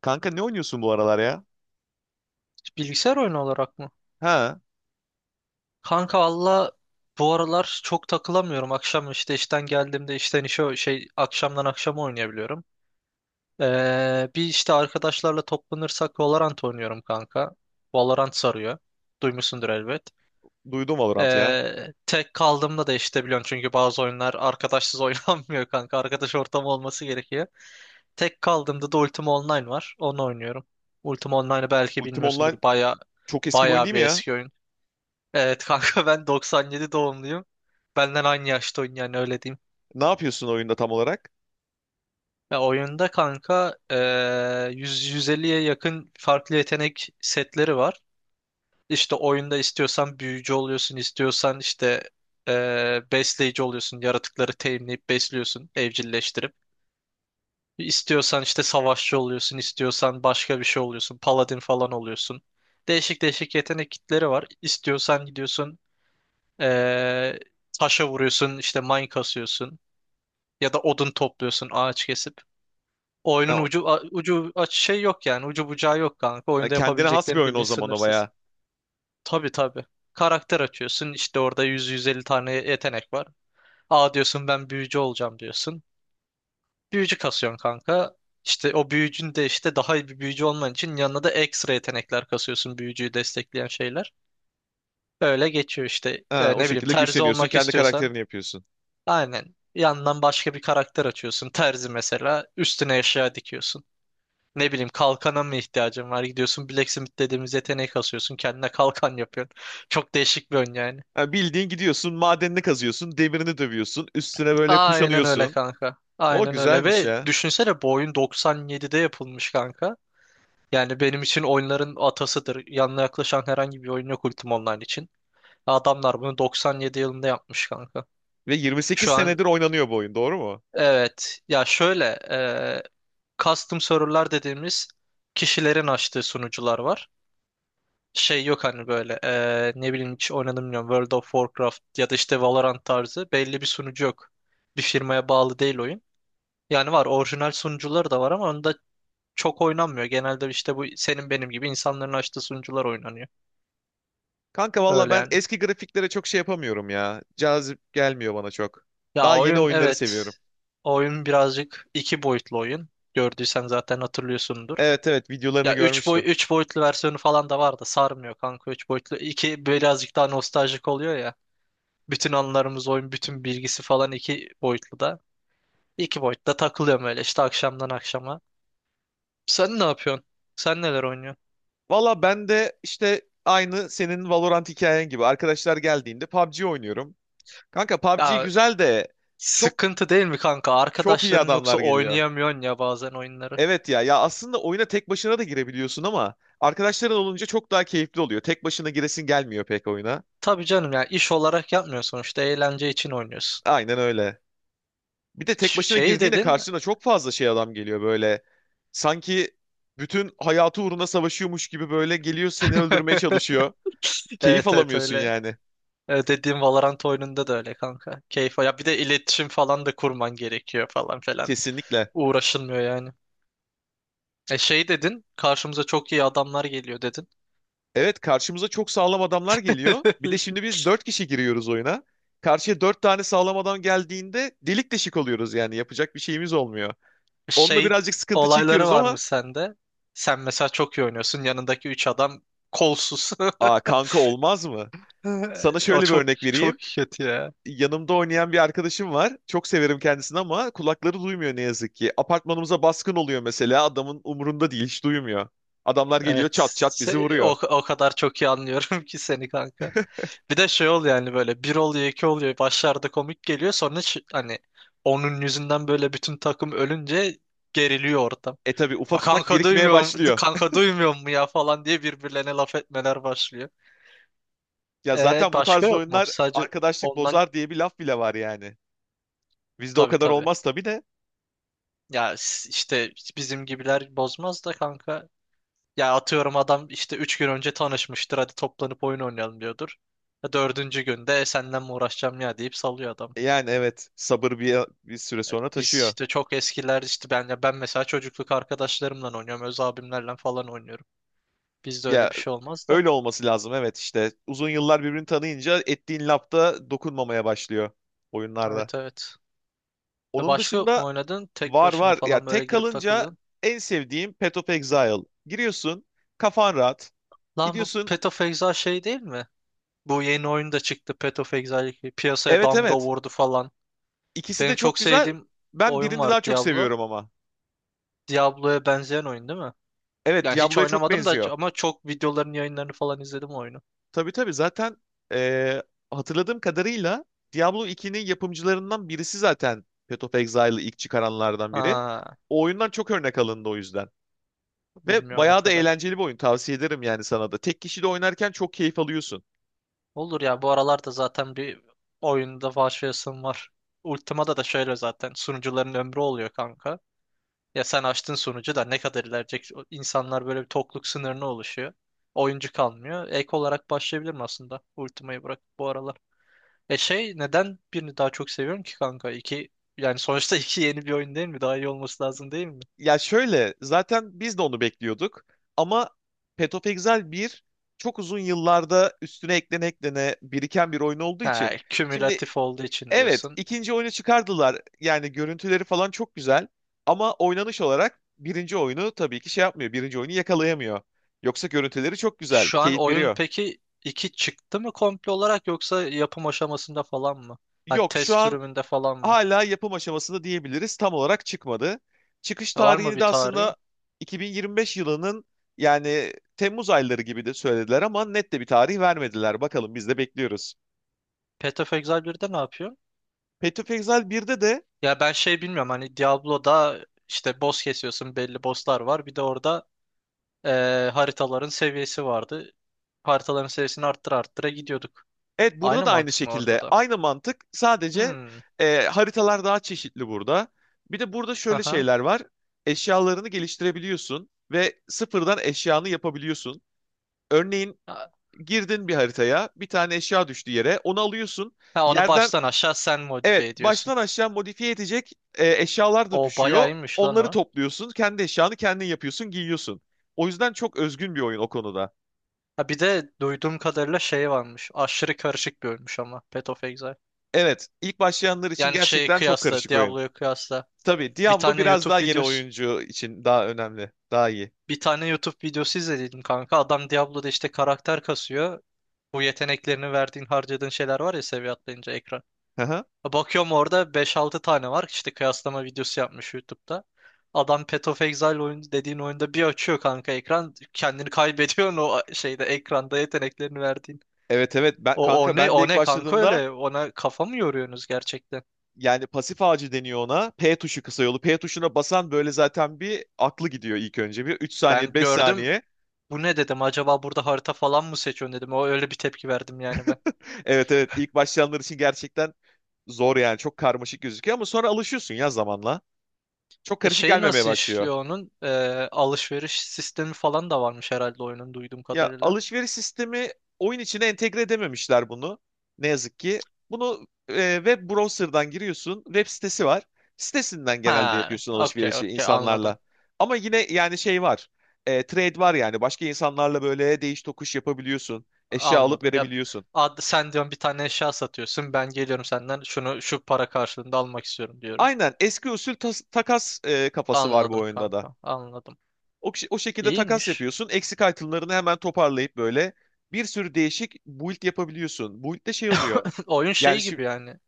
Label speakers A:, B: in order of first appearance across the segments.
A: Kanka ne oynuyorsun bu aralar ya?
B: Bilgisayar oyunu olarak mı?
A: Ha,
B: Kanka valla bu aralar çok takılamıyorum. Akşam işte işten geldiğimde işten işe şey akşamdan akşama oynayabiliyorum. Bir işte arkadaşlarla toplanırsak Valorant oynuyorum kanka. Valorant sarıyor. Duymuşsundur elbet.
A: duydum Valorant ya.
B: Tek kaldığımda da işte biliyorsun çünkü bazı oyunlar arkadaşsız oynanmıyor kanka. Arkadaş ortamı olması gerekiyor. Tek kaldığımda da Ultima Online var. Onu oynuyorum. Ultima Online'ı belki
A: Ultima
B: bilmiyorsundur.
A: Online
B: Baya
A: çok eski bir oyun
B: baya
A: değil mi
B: bir
A: ya?
B: eski oyun. Evet kanka ben 97 doğumluyum. Benden aynı yaşta oyun yani öyle diyeyim.
A: Ne yapıyorsun oyunda tam olarak?
B: Ya oyunda kanka 100-150'ye yakın farklı yetenek setleri var. İşte oyunda istiyorsan büyücü oluyorsun, istiyorsan işte besleyici oluyorsun, yaratıkları teminleyip besliyorsun, evcilleştirip. İstiyorsan işte savaşçı oluyorsun, istiyorsan başka bir şey oluyorsun, paladin falan oluyorsun. Değişik değişik yetenek kitleri var. İstiyorsan gidiyorsun eee taşa vuruyorsun, işte mine kasıyorsun. Ya da odun topluyorsun ağaç kesip.
A: Ha,
B: Oyunun ucu aç şey yok yani. Ucu bucağı yok kanka.
A: ha,
B: Oyunda
A: kendine has bir
B: yapabileceklerin
A: oyun
B: bildiğin
A: o zaman, o
B: sınırsız.
A: bayağı.
B: Tabii tabii. Karakter açıyorsun. İşte orada 100-150 tane yetenek var. Aa diyorsun ben büyücü olacağım diyorsun. Büyücü kasıyorsun kanka. İşte o büyücün de işte daha iyi bir büyücü olman için yanına da ekstra yetenekler kasıyorsun büyücüyü destekleyen şeyler. Öyle geçiyor işte.
A: Ha,
B: Ee,
A: o
B: ne bileyim
A: şekilde
B: terzi
A: güçleniyorsun,
B: olmak
A: kendi
B: istiyorsan
A: karakterini yapıyorsun.
B: aynen. Yandan başka bir karakter açıyorsun. Terzi mesela üstüne eşya dikiyorsun. Ne bileyim kalkana mı ihtiyacın var? Gidiyorsun Blacksmith dediğimiz yeteneği kasıyorsun. Kendine kalkan yapıyorsun. Çok değişik bir oyun yani.
A: Ha, bildiğin gidiyorsun, madenini kazıyorsun, demirini dövüyorsun, üstüne böyle
B: Aynen öyle
A: kuşanıyorsun.
B: kanka.
A: O
B: Aynen öyle
A: güzelmiş
B: ve
A: ya.
B: düşünsene bu oyun 97'de yapılmış kanka. Yani benim için oyunların atasıdır. Yanına yaklaşan herhangi bir oyun yok Ultima Online için. Adamlar bunu 97 yılında yapmış kanka.
A: Ve 28
B: Şu an
A: senedir oynanıyor bu oyun, doğru mu?
B: evet ya şöyle e, custom server'lar dediğimiz kişilerin açtığı sunucular var. Şey yok hani böyle ne bileyim hiç oynadım bilmiyorum World of Warcraft ya da işte Valorant tarzı belli bir sunucu yok. Bir firmaya bağlı değil oyun. Yani var orijinal sunucuları da var ama onda çok oynanmıyor. Genelde işte bu senin benim gibi insanların açtığı sunucular oynanıyor.
A: Kanka valla
B: Öyle
A: ben
B: yani.
A: eski grafiklere çok şey yapamıyorum ya. Cazip gelmiyor bana çok.
B: Ya
A: Daha yeni
B: oyun
A: oyunları
B: evet.
A: seviyorum.
B: Oyun birazcık iki boyutlu oyun. Gördüysen zaten hatırlıyorsundur.
A: Evet, evet, videolarını
B: Ya
A: görmüştüm.
B: 3 boyutlu versiyonu falan da var da sarmıyor kanka 3 boyutlu. İki birazcık daha nostaljik oluyor ya. Bütün anılarımız oyun, bütün bilgisi falan iki boyutlu da. İki boyutta takılıyorum öyle işte akşamdan akşama. Sen ne yapıyorsun? Sen neler oynuyorsun?
A: Valla ben de işte aynı senin Valorant hikayen gibi arkadaşlar geldiğinde PUBG oynuyorum. Kanka, PUBG
B: Ya
A: güzel de çok
B: sıkıntı değil mi kanka?
A: çok iyi
B: Arkadaşların yoksa
A: adamlar geliyor.
B: oynayamıyorsun ya bazen oyunları.
A: Evet ya aslında oyuna tek başına da girebiliyorsun ama arkadaşların olunca çok daha keyifli oluyor. Tek başına giresin gelmiyor pek oyuna.
B: Tabii canım ya iş olarak yapmıyorsun işte eğlence için oynuyorsun.
A: Aynen öyle. Bir de tek başına
B: Şey
A: girdiğinde
B: dedin.
A: karşına çok fazla şey adam geliyor böyle. Sanki bütün hayatı uğruna savaşıyormuş gibi böyle geliyor, seni öldürmeye çalışıyor. Keyif
B: Evet evet
A: alamıyorsun
B: öyle.
A: yani.
B: Evet, dediğim Valorant oyununda da öyle kanka. Keyif. Ya bir de iletişim falan da kurman gerekiyor falan filan.
A: Kesinlikle.
B: Uğraşılmıyor yani. E şey dedin, karşımıza çok iyi adamlar geliyor dedin.
A: Evet, karşımıza çok sağlam adamlar geliyor. Bir de şimdi biz dört kişi giriyoruz oyuna. Karşıya dört tane sağlam adam geldiğinde delik deşik oluyoruz, yani yapacak bir şeyimiz olmuyor. Onunla
B: Şey
A: birazcık sıkıntı
B: olayları
A: çekiyoruz
B: var mı
A: ama
B: sende. Sen mesela çok iyi oynuyorsun. Yanındaki üç adam kolsuz.
A: aa kanka, olmaz mı? Sana
B: O
A: şöyle bir
B: çok
A: örnek
B: çok
A: vereyim.
B: kötü ya.
A: Yanımda oynayan bir arkadaşım var. Çok severim kendisini ama kulakları duymuyor ne yazık ki. Apartmanımıza baskın oluyor mesela, adamın umurunda değil, hiç duymuyor. Adamlar geliyor,
B: Evet.
A: çat çat bizi
B: Se- O,
A: vuruyor.
B: o kadar çok iyi anlıyorum ki seni kanka. Bir de şey oluyor yani böyle bir oluyor iki oluyor. Başlarda komik geliyor. Sonra hani onun yüzünden böyle bütün takım ölünce geriliyor ortam.
A: E tabi
B: "A,
A: ufak ufak
B: Kanka
A: birikmeye
B: duymuyorum,
A: başlıyor.
B: kanka duymuyor mu ya falan diye birbirlerine laf etmeler başlıyor.
A: Ya
B: Ee,
A: zaten bu
B: başka
A: tarz
B: yok mu?
A: oyunlar
B: Sadece
A: arkadaşlık
B: ondan
A: bozar diye bir laf bile var yani. Bizde o
B: tabii
A: kadar
B: tabii.
A: olmaz tabii de.
B: Ya işte bizim gibiler bozmaz da kanka. Ya atıyorum adam işte 3 gün önce tanışmıştır hadi toplanıp oyun oynayalım diyordur. Ya dördüncü günde "E, senden mi uğraşacağım ya deyip salıyor adam.
A: Yani evet, sabır bir süre sonra
B: Biz
A: taşıyor.
B: işte çok eskiler işte ben ya ben mesela çocukluk arkadaşlarımla oynuyorum. Öz abimlerle falan oynuyorum. Bizde öyle
A: Ya,
B: bir şey olmaz da.
A: öyle olması lazım, evet işte. Uzun yıllar birbirini tanıyınca ettiğin lafta dokunmamaya başlıyor oyunlarda.
B: Evet evet. E
A: Onun
B: başka yok mu
A: dışında
B: oynadın? Tek
A: var
B: başına
A: var. Ya
B: falan böyle
A: tek
B: girip
A: kalınca
B: takıldın.
A: en sevdiğim Path of Exile. Giriyorsun, kafan rahat.
B: Lan bu
A: Gidiyorsun
B: Path of Exile şey değil mi? Bu yeni oyun da çıktı Path of Exile 2. Piyasaya
A: evet,
B: damga
A: evet.
B: vurdu falan.
A: İkisi de
B: Benim
A: çok
B: çok
A: güzel.
B: sevdiğim
A: Ben
B: oyun
A: birini
B: var
A: daha çok
B: Diablo.
A: seviyorum ama.
B: Diablo'ya benzeyen oyun değil mi?
A: Evet,
B: Yani hiç
A: Diablo'ya çok
B: oynamadım da
A: benziyor.
B: ama çok videoların yayınlarını falan izledim o oyunu.
A: Tabii tabii, zaten eee, hatırladığım kadarıyla Diablo 2'nin yapımcılarından birisi zaten Path of Exile'ı ilk çıkaranlardan biri.
B: Ha,
A: O oyundan çok örnek alındı o yüzden. Ve
B: bilmiyorum o
A: bayağı da
B: kadar.
A: eğlenceli bir oyun, tavsiye ederim yani sana da. Tek kişi de oynarken çok keyif alıyorsun.
B: Olur ya bu aralarda zaten bir oyunda başlayasım var. Ultima'da da şöyle zaten sunucuların ömrü oluyor kanka. Ya sen açtın sunucu da ne kadar ilerleyecek? O İnsanlar böyle bir tokluk sınırına oluşuyor oyuncu kalmıyor. Ek olarak başlayabilirim aslında Ultima'yı bırak bu aralar. E şey neden birini daha çok seviyorum ki kanka? İki yani sonuçta iki yeni bir oyun değil mi? Daha iyi olması lazım değil mi?
A: Ya şöyle, zaten biz de onu bekliyorduk ama Path of Exile 1 çok uzun yıllarda üstüne eklene eklene biriken bir oyun olduğu
B: Ha,
A: için şimdi.
B: kümülatif olduğu için
A: Evet,
B: diyorsun.
A: ikinci oyunu çıkardılar. Yani görüntüleri falan çok güzel. Ama oynanış olarak birinci oyunu tabii ki şey yapmıyor. Birinci oyunu yakalayamıyor. Yoksa görüntüleri çok güzel,
B: Şu an
A: keyif
B: oyun
A: veriyor.
B: peki iki çıktı mı komple olarak yoksa yapım aşamasında falan mı? Hani
A: Yok, şu
B: test
A: an
B: sürümünde falan mı?
A: hala yapım aşamasında diyebiliriz. Tam olarak çıkmadı. Çıkış
B: Var mı
A: tarihini
B: bir
A: de
B: tarihi?
A: aslında 2025 yılının yani Temmuz ayları gibi de söylediler ama net de bir tarih vermediler. Bakalım, biz de bekliyoruz.
B: Path of Exile 1'de ne yapıyor?
A: Path of Exile 1'de de.
B: Ya ben şey bilmiyorum hani Diablo'da işte boss kesiyorsun belli bosslar var. Bir de orada haritaların seviyesi vardı. Haritaların seviyesini arttıra arttıra gidiyorduk.
A: Evet, burada
B: Aynı
A: da aynı
B: mantık mı orada
A: şekilde
B: da?
A: aynı mantık, sadece
B: Hmm.
A: haritalar daha çeşitli burada. Bir de burada şöyle
B: Aha.
A: şeyler var. Eşyalarını geliştirebiliyorsun ve sıfırdan eşyanı yapabiliyorsun. Örneğin
B: Ha,
A: girdin bir haritaya, bir tane eşya düştü yere, onu alıyorsun.
B: ha, onu
A: Yerden
B: baştan aşağı sen modifiye
A: evet,
B: ediyorsun.
A: baştan aşağı modifiye edecek eşyalar da
B: O
A: düşüyor.
B: bayağı iyiymiş lan
A: Onları
B: o.
A: topluyorsun, kendi eşyanı kendin yapıyorsun, giyiyorsun. O yüzden çok özgün bir oyun o konuda.
B: Ha, bir de duyduğum kadarıyla şey varmış. Aşırı karışık bir ölmüş ama Path of Exile.
A: Evet, ilk başlayanlar için
B: Yani şeyi
A: gerçekten çok
B: kıyasla,
A: karışık oyun.
B: Diablo'ya kıyasla.
A: Tabii
B: Bir
A: Diablo
B: tane
A: biraz
B: YouTube
A: daha yeni
B: videosu
A: oyuncu için daha önemli. Daha iyi.
B: bir tane YouTube videosu izlediydim kanka. Adam Diablo'da işte karakter kasıyor. Bu yeteneklerini verdiğin, harcadığın şeyler var ya seviye atlayınca ekran.
A: Hı hı.
B: Bakıyorum orada beş altı tane var. İşte kıyaslama videosu yapmış YouTube'da. Adam Path of Exile oyun dediğin oyunda bir açıyor kanka ekran. Kendini kaybediyorsun o şeyde ekranda yeteneklerini verdiğin.
A: Evet evet,
B: O
A: kanka,
B: ne
A: ben de
B: o
A: ilk
B: ne kanka
A: başladığımda
B: öyle ona kafa mı yoruyorsunuz gerçekten?
A: yani pasif ağacı deniyor ona. P tuşu kısa yolu. P tuşuna basan böyle zaten bir aklı gidiyor ilk önce. Bir 3 saniye,
B: Ben
A: 5
B: gördüm
A: saniye.
B: bu ne dedim acaba burada harita falan mı seçiyorsun dedim. O öyle bir tepki verdim yani ben.
A: Evet, evet, ilk başlayanlar için gerçekten zor yani. Çok karmaşık gözüküyor ama sonra alışıyorsun ya zamanla. Çok
B: E
A: karışık
B: şey
A: gelmemeye
B: nasıl
A: başlıyor.
B: işliyor onun? E, alışveriş sistemi falan da varmış herhalde oyunun duyduğum
A: Ya
B: kadarıyla.
A: alışveriş sistemi oyun içine entegre edememişler bunu. Ne yazık ki. Bunu web browser'dan giriyorsun. Web sitesi var. Sitesinden genelde
B: Ha,
A: yapıyorsun
B: okey
A: alışverişi
B: okey
A: insanlarla.
B: anladım.
A: Ama yine yani şey var. E, trade var yani. Başka insanlarla böyle değiş tokuş yapabiliyorsun. Eşya alıp
B: Anladım. Ya
A: verebiliyorsun.
B: sen diyorum bir tane eşya satıyorsun. Ben geliyorum senden şunu şu para karşılığında almak istiyorum diyorum.
A: Aynen eski usul takas kafası var bu
B: Anladım
A: oyunda da.
B: kanka. Anladım.
A: O şekilde takas
B: İyiymiş.
A: yapıyorsun. Eksik itemlarını hemen toparlayıp böyle bir sürü değişik build yapabiliyorsun. Build'de şey oluyor.
B: Oyun
A: Yani
B: şey
A: şimdi.
B: gibi yani.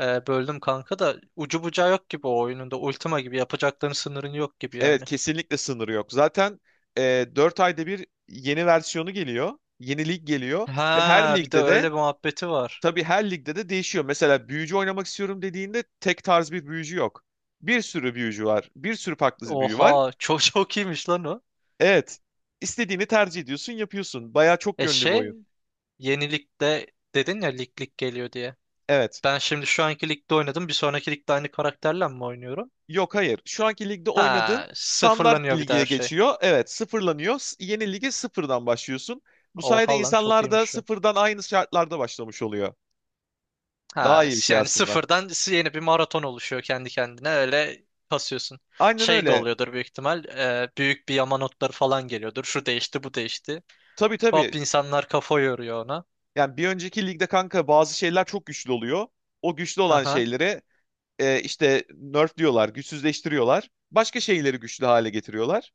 B: Böldüm kanka da ucu bucağı yok gibi o oyunun da Ultima gibi yapacakların sınırın yok gibi
A: Evet,
B: yani.
A: kesinlikle sınırı yok. Zaten 4 ayda bir yeni versiyonu geliyor. Yeni lig geliyor ve her
B: Ha bir de
A: ligde de,
B: öyle bir muhabbeti var.
A: tabii her ligde de değişiyor. Mesela büyücü oynamak istiyorum dediğinde tek tarz bir büyücü yok. Bir sürü büyücü var. Bir sürü farklı büyü var.
B: Oha çok çok iyiymiş lan o.
A: Evet. istediğini tercih ediyorsun, yapıyorsun. Bayağı çok
B: E
A: yönlü bir
B: şey
A: oyun.
B: yenilikte dedin ya lig lig geliyor diye.
A: Evet.
B: Ben şimdi şu anki ligde oynadım. Bir sonraki ligde aynı karakterle mi oynuyorum?
A: Yok, hayır. Şu anki ligde oynadığın
B: Ha,
A: standart
B: sıfırlanıyor bir de
A: lige
B: her şey.
A: geçiyor. Evet, sıfırlanıyor. Yeni lige sıfırdan başlıyorsun. Bu sayede
B: Oha lan çok
A: insanlar da
B: iyiymiş ya.
A: sıfırdan aynı şartlarda başlamış oluyor. Daha
B: Ha,
A: iyi bir şey
B: yani
A: aslında.
B: sıfırdan yeni bir maraton oluşuyor kendi kendine öyle kasıyorsun.
A: Aynen
B: Şey de
A: öyle.
B: oluyordur büyük ihtimal. E, büyük bir yama notları falan geliyordur. Şu değişti, bu değişti.
A: Tabii tabii.
B: Hop insanlar kafa yoruyor ona.
A: Yani bir önceki ligde kanka bazı şeyler çok güçlü oluyor. O güçlü olan
B: Aha.
A: şeyleri işte nerf diyorlar, güçsüzleştiriyorlar. Başka şeyleri güçlü hale getiriyorlar.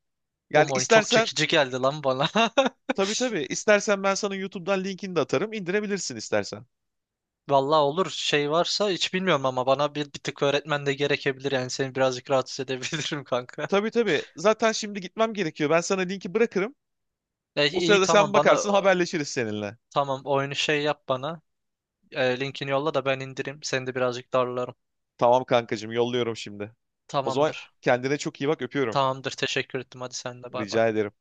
A: Yani
B: O oyun çok
A: istersen.
B: çekici geldi lan bana.
A: Tabii tabii, istersen ben sana YouTube'dan linkini de atarım. İndirebilirsin istersen.
B: Vallahi olur şey varsa hiç bilmiyorum ama bana bir tık öğretmen de gerekebilir yani seni birazcık rahatsız edebilirim kanka.
A: Tabii tabii. Zaten şimdi gitmem gerekiyor. Ben sana linki bırakırım.
B: E,
A: O
B: iyi
A: sırada sen
B: tamam bana
A: bakarsın, haberleşiriz seninle.
B: tamam oyunu şey yap bana. E, linkini yolla da ben indireyim. Seni de birazcık darlarım.
A: Tamam kankacığım, yolluyorum şimdi. O zaman,
B: Tamamdır.
A: kendine çok iyi bak, öpüyorum.
B: Tamamdır. Teşekkür ettim. Hadi sen de bay bay.
A: Rica ederim.